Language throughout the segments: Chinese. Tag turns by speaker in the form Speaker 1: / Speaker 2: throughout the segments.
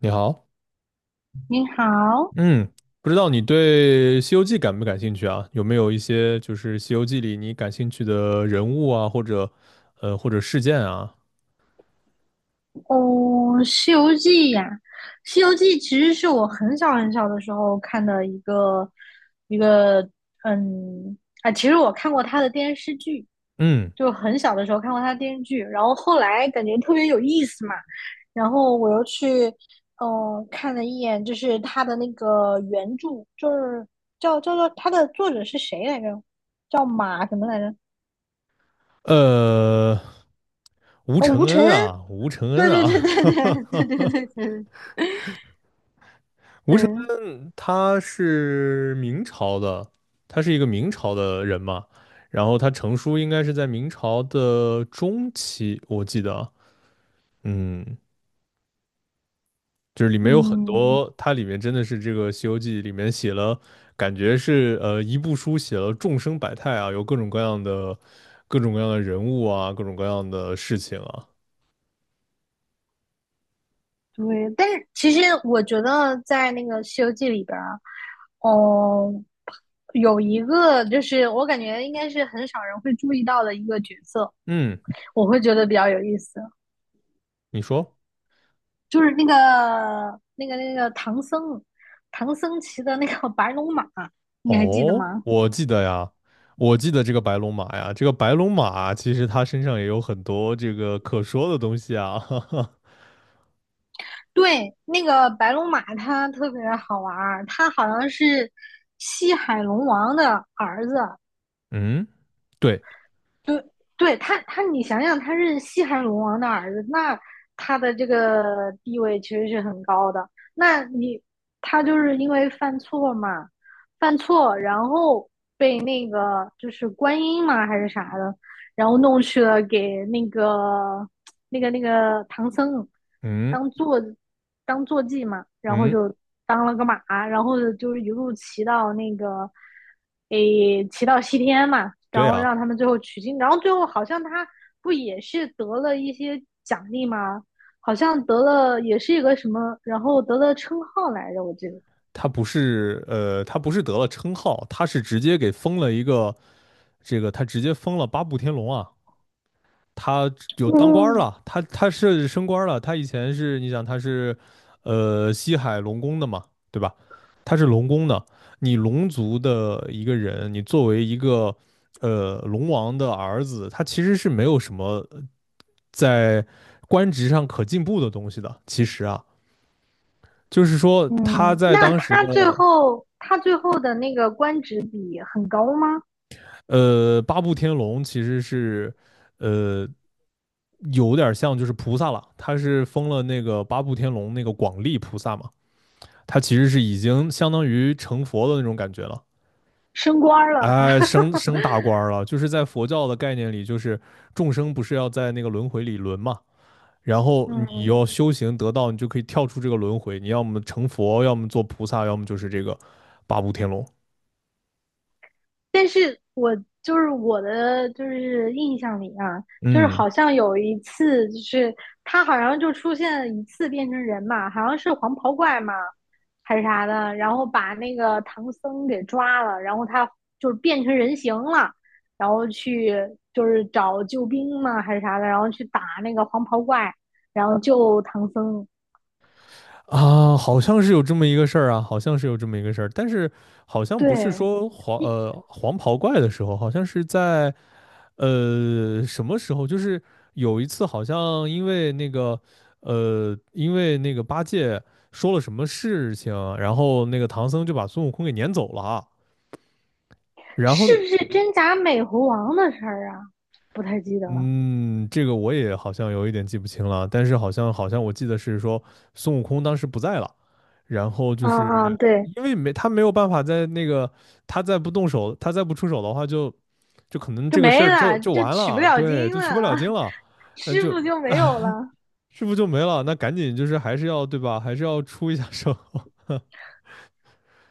Speaker 1: 你好，
Speaker 2: 你好。
Speaker 1: 嗯，不知道你对《西游记》感不感兴趣啊？有没有一些就是《西游记》里你感兴趣的人物啊，或者或者事件啊？
Speaker 2: 哦，《西游记》呀，《西游记》其实是我很小很小的时候看的一个一个，嗯，其实我看过他的电视剧，
Speaker 1: 嗯，
Speaker 2: 就很小的时候看过他的电视剧，然后后来感觉特别有意思嘛。然后我又去，看了一眼，就是他的那个原著，就是叫做。他的作者是谁来着？叫马什么来着？
Speaker 1: 呃，吴
Speaker 2: 叫
Speaker 1: 承
Speaker 2: 吴承
Speaker 1: 恩
Speaker 2: 恩。
Speaker 1: 啊，吴承
Speaker 2: 对
Speaker 1: 恩
Speaker 2: 对对
Speaker 1: 啊，
Speaker 2: 对对对对 对对。
Speaker 1: 吴承
Speaker 2: 对，
Speaker 1: 恩他是明朝的，他是一个明朝的人嘛，然后他成书应该是在明朝的中期，我记得啊。嗯。就是里面有很
Speaker 2: 嗯，
Speaker 1: 多，它里面真的是这个《西游记》里面写了，感觉是一部书写了众生百态啊，有各种各样的人物啊，各种各样的事情啊。
Speaker 2: 对，但是其实我觉得在那个《西游记》里边儿，哦，有一个就是我感觉应该是很少人会注意到的一个角色，
Speaker 1: 嗯，
Speaker 2: 我会觉得比较有意思。
Speaker 1: 你说？
Speaker 2: 就是那个唐僧，唐僧骑的那个白龙马，你还记得
Speaker 1: 哦，
Speaker 2: 吗？
Speaker 1: 我记得呀，我记得这个白龙马呀，这个白龙马其实它身上也有很多这个可说的东西啊。哈哈。
Speaker 2: 对，那个白龙马它特别好玩儿，它好像是西海龙王的儿子。
Speaker 1: 嗯，对，
Speaker 2: 对，对他,你想想，他是西汉龙王的儿子，那他的这个地位其实是很高的。那你，他就是因为犯错嘛，犯错，然后被那个就是观音嘛还是啥的，然后弄去了给那个唐僧
Speaker 1: 嗯
Speaker 2: 当坐当坐骑嘛，然后
Speaker 1: 嗯，
Speaker 2: 就当了个马，然后就是一路骑到那个诶骑到西天嘛，然
Speaker 1: 对
Speaker 2: 后
Speaker 1: 啊。
Speaker 2: 让他们最后取经，然后最后好像他不也是得了一些奖励吗？好像得了也是一个什么，然后得了称号来着，我记得。
Speaker 1: 他不是他不是得了称号，他是直接给封了一个，这个他直接封了八部天龙啊，他有当官儿
Speaker 2: 嗯，
Speaker 1: 了，他是升官儿了，他以前是你想他是西海龙宫的嘛，对吧？他是龙宫的，你龙族的一个人，你作为一个龙王的儿子，他其实是没有什么在官职上可进步的东西的，其实啊。就是说，他
Speaker 2: 嗯，
Speaker 1: 在
Speaker 2: 那
Speaker 1: 当时
Speaker 2: 他
Speaker 1: 的
Speaker 2: 最后他最后的那个官职比很高吗？
Speaker 1: 八部天龙其实是呃有点像就是菩萨了，他是封了那个八部天龙那个广利菩萨嘛，他其实是已经相当于成佛的那种感觉了。
Speaker 2: 升官了。
Speaker 1: 哎，升 升大官儿了，就是在佛教的概念里，就是众生不是要在那个轮回里轮嘛，然后你
Speaker 2: 嗯
Speaker 1: 要修行得道，你就可以跳出这个轮回，你要么成佛，要么做菩萨，要么就是这个八部天龙。
Speaker 2: 但是我就是我的就是印象里啊，就是
Speaker 1: 嗯。
Speaker 2: 好像有一次，就是他好像就出现了一次变成人嘛，好像是黄袍怪嘛还是啥的，然后把那个唐僧给抓了，然后他就是变成人形了，然后去就是找救兵嘛还是啥的，然后去打那个黄袍怪，然后救唐僧。
Speaker 1: 啊，好像是有这么一个事儿啊，好像是有这么一个事儿，但是好像不是
Speaker 2: 对，
Speaker 1: 说黄
Speaker 2: 你
Speaker 1: 呃黄袍怪的时候，好像是在什么时候，就是有一次好像因为那个因为那个八戒说了什么事情，然后那个唐僧就把孙悟空给撵走了啊然后
Speaker 2: 是不是真假美猴王的事儿啊？不太记得了。
Speaker 1: 嗯，这个我也好像有一点记不清了，但是好像我记得是说孙悟空当时不在了，然后就
Speaker 2: 嗯
Speaker 1: 是
Speaker 2: 嗯，对，
Speaker 1: 因为没他没有办法在那个他再不出手的话就，就可能
Speaker 2: 就
Speaker 1: 这个事
Speaker 2: 没
Speaker 1: 儿就
Speaker 2: 了，
Speaker 1: 就
Speaker 2: 就
Speaker 1: 完
Speaker 2: 取不
Speaker 1: 了，
Speaker 2: 了
Speaker 1: 对，
Speaker 2: 经
Speaker 1: 就取不了
Speaker 2: 了。
Speaker 1: 经了，嗯，
Speaker 2: 师
Speaker 1: 就
Speaker 2: 傅就没有了。
Speaker 1: 师傅就没了？那赶紧就是还是要对吧？还是要出一下手。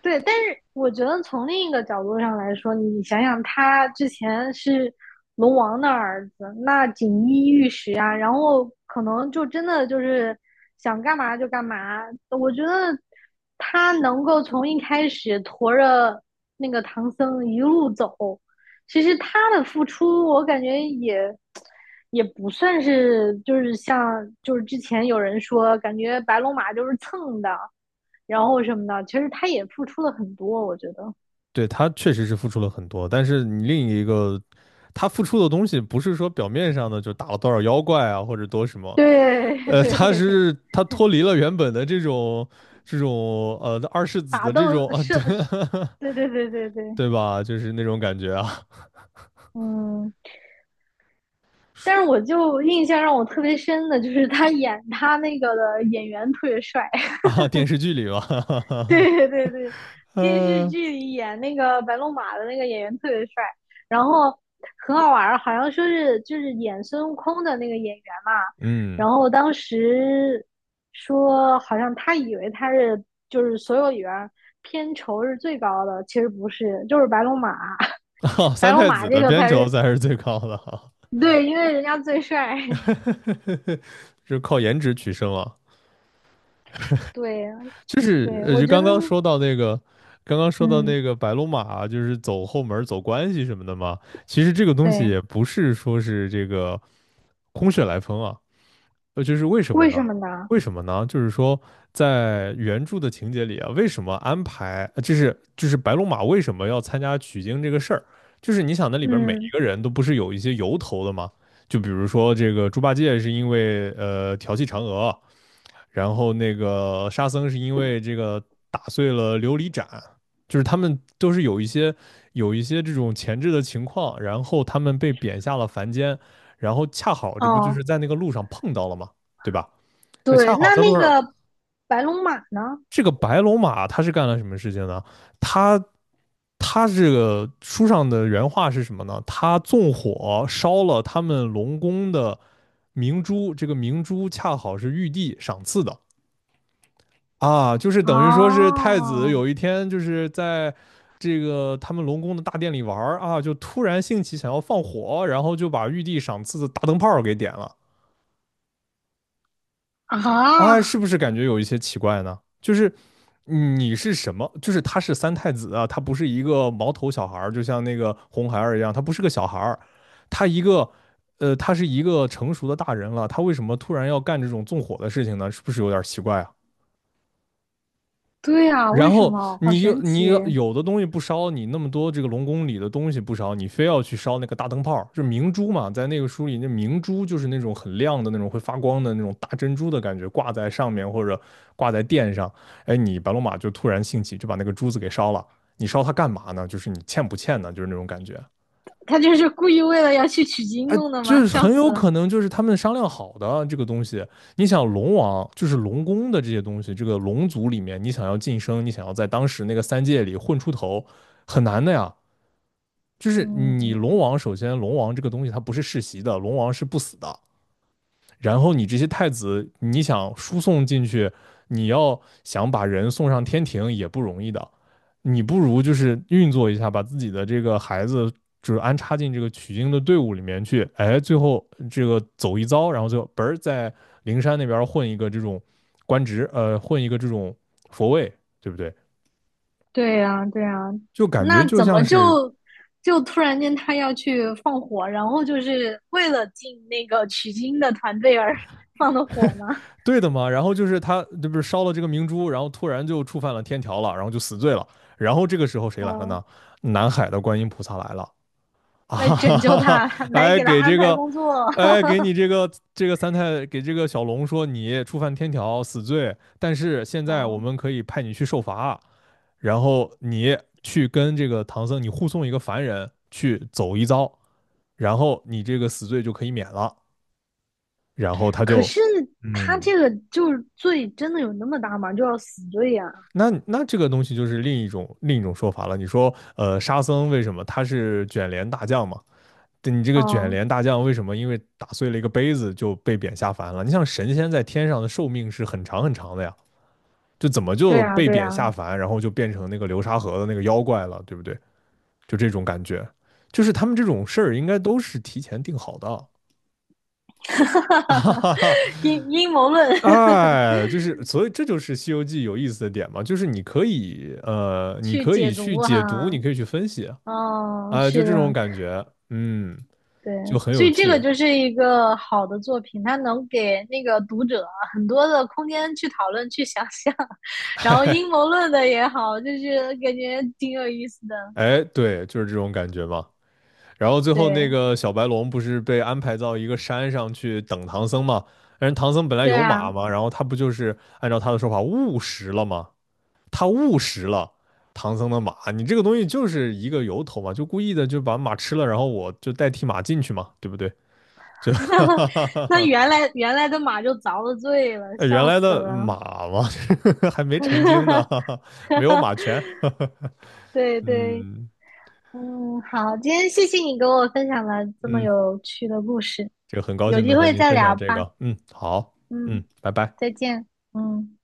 Speaker 2: 对，但是我觉得从另一个角度上来说，你想想，他之前是龙王的儿子，那锦衣玉食啊，然后可能就真的就是想干嘛就干嘛。我觉得他能够从一开始驮着那个唐僧一路走，其实他的付出，我感觉也不算是就是像就是之前有人说，感觉白龙马就是蹭的，然后什么的。其实他也付出了很多，我觉得。
Speaker 1: 对，他确实是付出了很多，但是你另一个他付出的东西不是说表面上的就打了多少妖怪啊，或者多什么。
Speaker 2: 对 对
Speaker 1: 他
Speaker 2: 对对，
Speaker 1: 是他脱离了原本的这种这种二世子
Speaker 2: 打
Speaker 1: 的这种
Speaker 2: 斗
Speaker 1: 啊，
Speaker 2: 是，
Speaker 1: 对
Speaker 2: 对对对对对，
Speaker 1: 对吧？就是那种感觉啊
Speaker 2: 嗯。但是我就印象让我特别深的就是他那个的演员特别帅。
Speaker 1: 啊，电视剧里吧，
Speaker 2: 对对对，电视
Speaker 1: 呃
Speaker 2: 剧里演那个白龙马的那个演员特别帅，然后很好玩儿，好像说是就是演孙悟空的那个演员嘛，
Speaker 1: 嗯，
Speaker 2: 然后当时说好像他以为他是就是所有里边儿片酬是最高的，其实不是，就是白龙马。
Speaker 1: 哈，
Speaker 2: 白
Speaker 1: 三
Speaker 2: 龙
Speaker 1: 太
Speaker 2: 马
Speaker 1: 子
Speaker 2: 这
Speaker 1: 的
Speaker 2: 个
Speaker 1: 片
Speaker 2: 才
Speaker 1: 酬
Speaker 2: 是。
Speaker 1: 才是最高的啊，
Speaker 2: 对，因为人家最帅。
Speaker 1: 是靠颜值取胜啊。
Speaker 2: 对
Speaker 1: 就是
Speaker 2: 对，我
Speaker 1: 就
Speaker 2: 觉
Speaker 1: 刚
Speaker 2: 得
Speaker 1: 刚说到那个，刚刚说到
Speaker 2: 嗯
Speaker 1: 那个白龙马，就是走后门儿走关系什么的嘛。其实这个东西
Speaker 2: 对，
Speaker 1: 也不是说是这个空穴来风啊，就是为什么
Speaker 2: 为
Speaker 1: 呢？
Speaker 2: 什么呢？
Speaker 1: 为什么呢？就是说，在原著的情节里啊，为什么安排，白龙马为什么要参加取经这个事儿？就是你想，那里边每
Speaker 2: 嗯
Speaker 1: 一个人都不是有一些由头的吗？就比如说这个猪八戒是因为调戏嫦娥，然后那个沙僧是因为这个打碎了琉璃盏，就是他们都是有一些这种前置的情况，然后他们被贬下了凡间。然后恰好这不就
Speaker 2: 哦。
Speaker 1: 是在那个路上碰到了吗？对吧？就恰
Speaker 2: 对，
Speaker 1: 好
Speaker 2: 那
Speaker 1: 在路
Speaker 2: 那
Speaker 1: 上，
Speaker 2: 个白龙马呢？
Speaker 1: 这个白龙马他是干了什么事情呢？他他这个书上的原话是什么呢？他纵火烧了他们龙宫的明珠，这个明珠恰好是玉帝赏赐的啊，就是
Speaker 2: 啊
Speaker 1: 等于说是太子有一天就是在。这个他们龙宫的大殿里玩啊，就突然兴起想要放火，然后就把玉帝赏赐的大灯泡给点了。啊，是
Speaker 2: 啊，
Speaker 1: 不是感觉有一些奇怪呢？就是你是什么？就是他是三太子啊，他不是一个毛头小孩儿，就像那个红孩儿一样，他不是个小孩儿，他一个他是一个成熟的大人了，他为什么突然要干这种纵火的事情呢？是不是有点奇怪啊？
Speaker 2: 对啊，为
Speaker 1: 然
Speaker 2: 什
Speaker 1: 后
Speaker 2: 么？好
Speaker 1: 你又
Speaker 2: 神
Speaker 1: 你
Speaker 2: 奇！
Speaker 1: 又有的东西不烧，你那么多这个龙宫里的东西不烧，你非要去烧那个大灯泡，就明珠嘛，在那个书里，那明珠就是那种很亮的那种会发光的那种大珍珠的感觉，挂在上面或者挂在殿上。哎，你白龙马就突然兴起，就把那个珠子给烧了。你烧它干嘛呢？就是你欠不欠呢？就是那种感觉。
Speaker 2: 他就是故意为了要去取经
Speaker 1: 哎，
Speaker 2: 弄的吗？
Speaker 1: 就是
Speaker 2: 笑
Speaker 1: 很
Speaker 2: 死
Speaker 1: 有
Speaker 2: 了。
Speaker 1: 可能就是他们商量好的这个东西。你想龙王就是龙宫的这些东西，这个龙族里面，你想要晋升，你想要在当时那个三界里混出头，很难的呀。就是你龙
Speaker 2: 嗯，
Speaker 1: 王，首先龙王这个东西它不是世袭的，龙王是不死的，然后你这些太子，你想输送进去，你要想把人送上天庭也不容易的，你不如就是运作一下，把自己的这个孩子就是安插进这个取经的队伍里面去，哎，最后这个走一遭，然后最后嘣儿在灵山那边混一个这种官职，混一个这种佛位，对不对？
Speaker 2: 对呀，对呀，
Speaker 1: 就感觉
Speaker 2: 那
Speaker 1: 就
Speaker 2: 怎么
Speaker 1: 像是
Speaker 2: 就就突然间他要去放火，然后就是为了进那个取经的团队而放的火吗？
Speaker 1: 对的嘛。然后就是他这不是烧了这个明珠，然后突然就触犯了天条了，然后就死罪了。然后这个时候谁来了呢？
Speaker 2: 嗯，
Speaker 1: 南海的观音菩萨来了 啊，
Speaker 2: 来
Speaker 1: 哈
Speaker 2: 拯救
Speaker 1: 哈哈，
Speaker 2: 他，来
Speaker 1: 来
Speaker 2: 给他
Speaker 1: 给
Speaker 2: 安
Speaker 1: 这
Speaker 2: 排
Speaker 1: 个，
Speaker 2: 工作。
Speaker 1: 哎，给你这个这个三太给这个小龙说你触犯天条死罪，但是现在我
Speaker 2: 嗯。
Speaker 1: 们可以派你去受罚，然后你去跟这个唐僧，你护送一个凡人去走一遭，然后你这个死罪就可以免了。然后他
Speaker 2: 可
Speaker 1: 就，
Speaker 2: 是他
Speaker 1: 嗯，
Speaker 2: 这个就是罪真的有那么大吗？就要死罪呀，
Speaker 1: 那那这个东西就是另一种说法了。你说，沙僧为什么他是卷帘大将嘛？对你这
Speaker 2: 啊
Speaker 1: 个卷
Speaker 2: 哦，
Speaker 1: 帘大将为什么因为打碎了一个杯子就被贬下凡了？你像神仙在天上的寿命是很长很长的呀，就怎么
Speaker 2: 对
Speaker 1: 就
Speaker 2: 呀，
Speaker 1: 被
Speaker 2: 对呀。
Speaker 1: 贬下凡，然后就变成那个流沙河的那个妖怪了，对不对？就这种感觉，就是他们这种事儿应该都是提前定好的啊。哈哈
Speaker 2: 阴谋论
Speaker 1: 哎，就是所以这就是《西游记》有意思的点嘛，就是你可以你
Speaker 2: 去
Speaker 1: 可以
Speaker 2: 解
Speaker 1: 去
Speaker 2: 读哈，
Speaker 1: 解读，你
Speaker 2: 啊
Speaker 1: 可以去分析
Speaker 2: 哦，
Speaker 1: 啊，就
Speaker 2: 是的，
Speaker 1: 这种感觉，嗯，
Speaker 2: 对，
Speaker 1: 就很
Speaker 2: 所
Speaker 1: 有
Speaker 2: 以这个
Speaker 1: 趣，
Speaker 2: 就是一个好的作品，它能给那个读者啊很多的空间去讨论、去想象，然后阴谋 论的也好，就是感觉挺有意思的。
Speaker 1: 哎，对，就是这种感觉嘛。然后最后那
Speaker 2: 对，
Speaker 1: 个小白龙不是被安排到一个山上去等唐僧嘛？但是唐僧本来
Speaker 2: 对
Speaker 1: 有
Speaker 2: 啊，
Speaker 1: 马嘛，然后他不就是按照他的说法误食了吗？他误食了唐僧的马，你这个东西就是一个由头嘛，就故意的就把马吃了，然后我就代替马进去嘛，对不对？就哈哈哈
Speaker 2: 那
Speaker 1: 哈，
Speaker 2: 原来的马就遭了罪了，
Speaker 1: 原
Speaker 2: 笑
Speaker 1: 来
Speaker 2: 死
Speaker 1: 的
Speaker 2: 了。
Speaker 1: 马嘛，还没成精呢，没有马权。
Speaker 2: 对对，
Speaker 1: 嗯
Speaker 2: 嗯，好，今天谢谢你给我分享了这么
Speaker 1: 嗯，
Speaker 2: 有趣的故事，
Speaker 1: 这个很高
Speaker 2: 有
Speaker 1: 兴
Speaker 2: 机
Speaker 1: 能和
Speaker 2: 会
Speaker 1: 您
Speaker 2: 再
Speaker 1: 分
Speaker 2: 聊
Speaker 1: 享这
Speaker 2: 吧。
Speaker 1: 个。嗯，好，嗯，
Speaker 2: 嗯，
Speaker 1: 拜拜。
Speaker 2: 再见。嗯。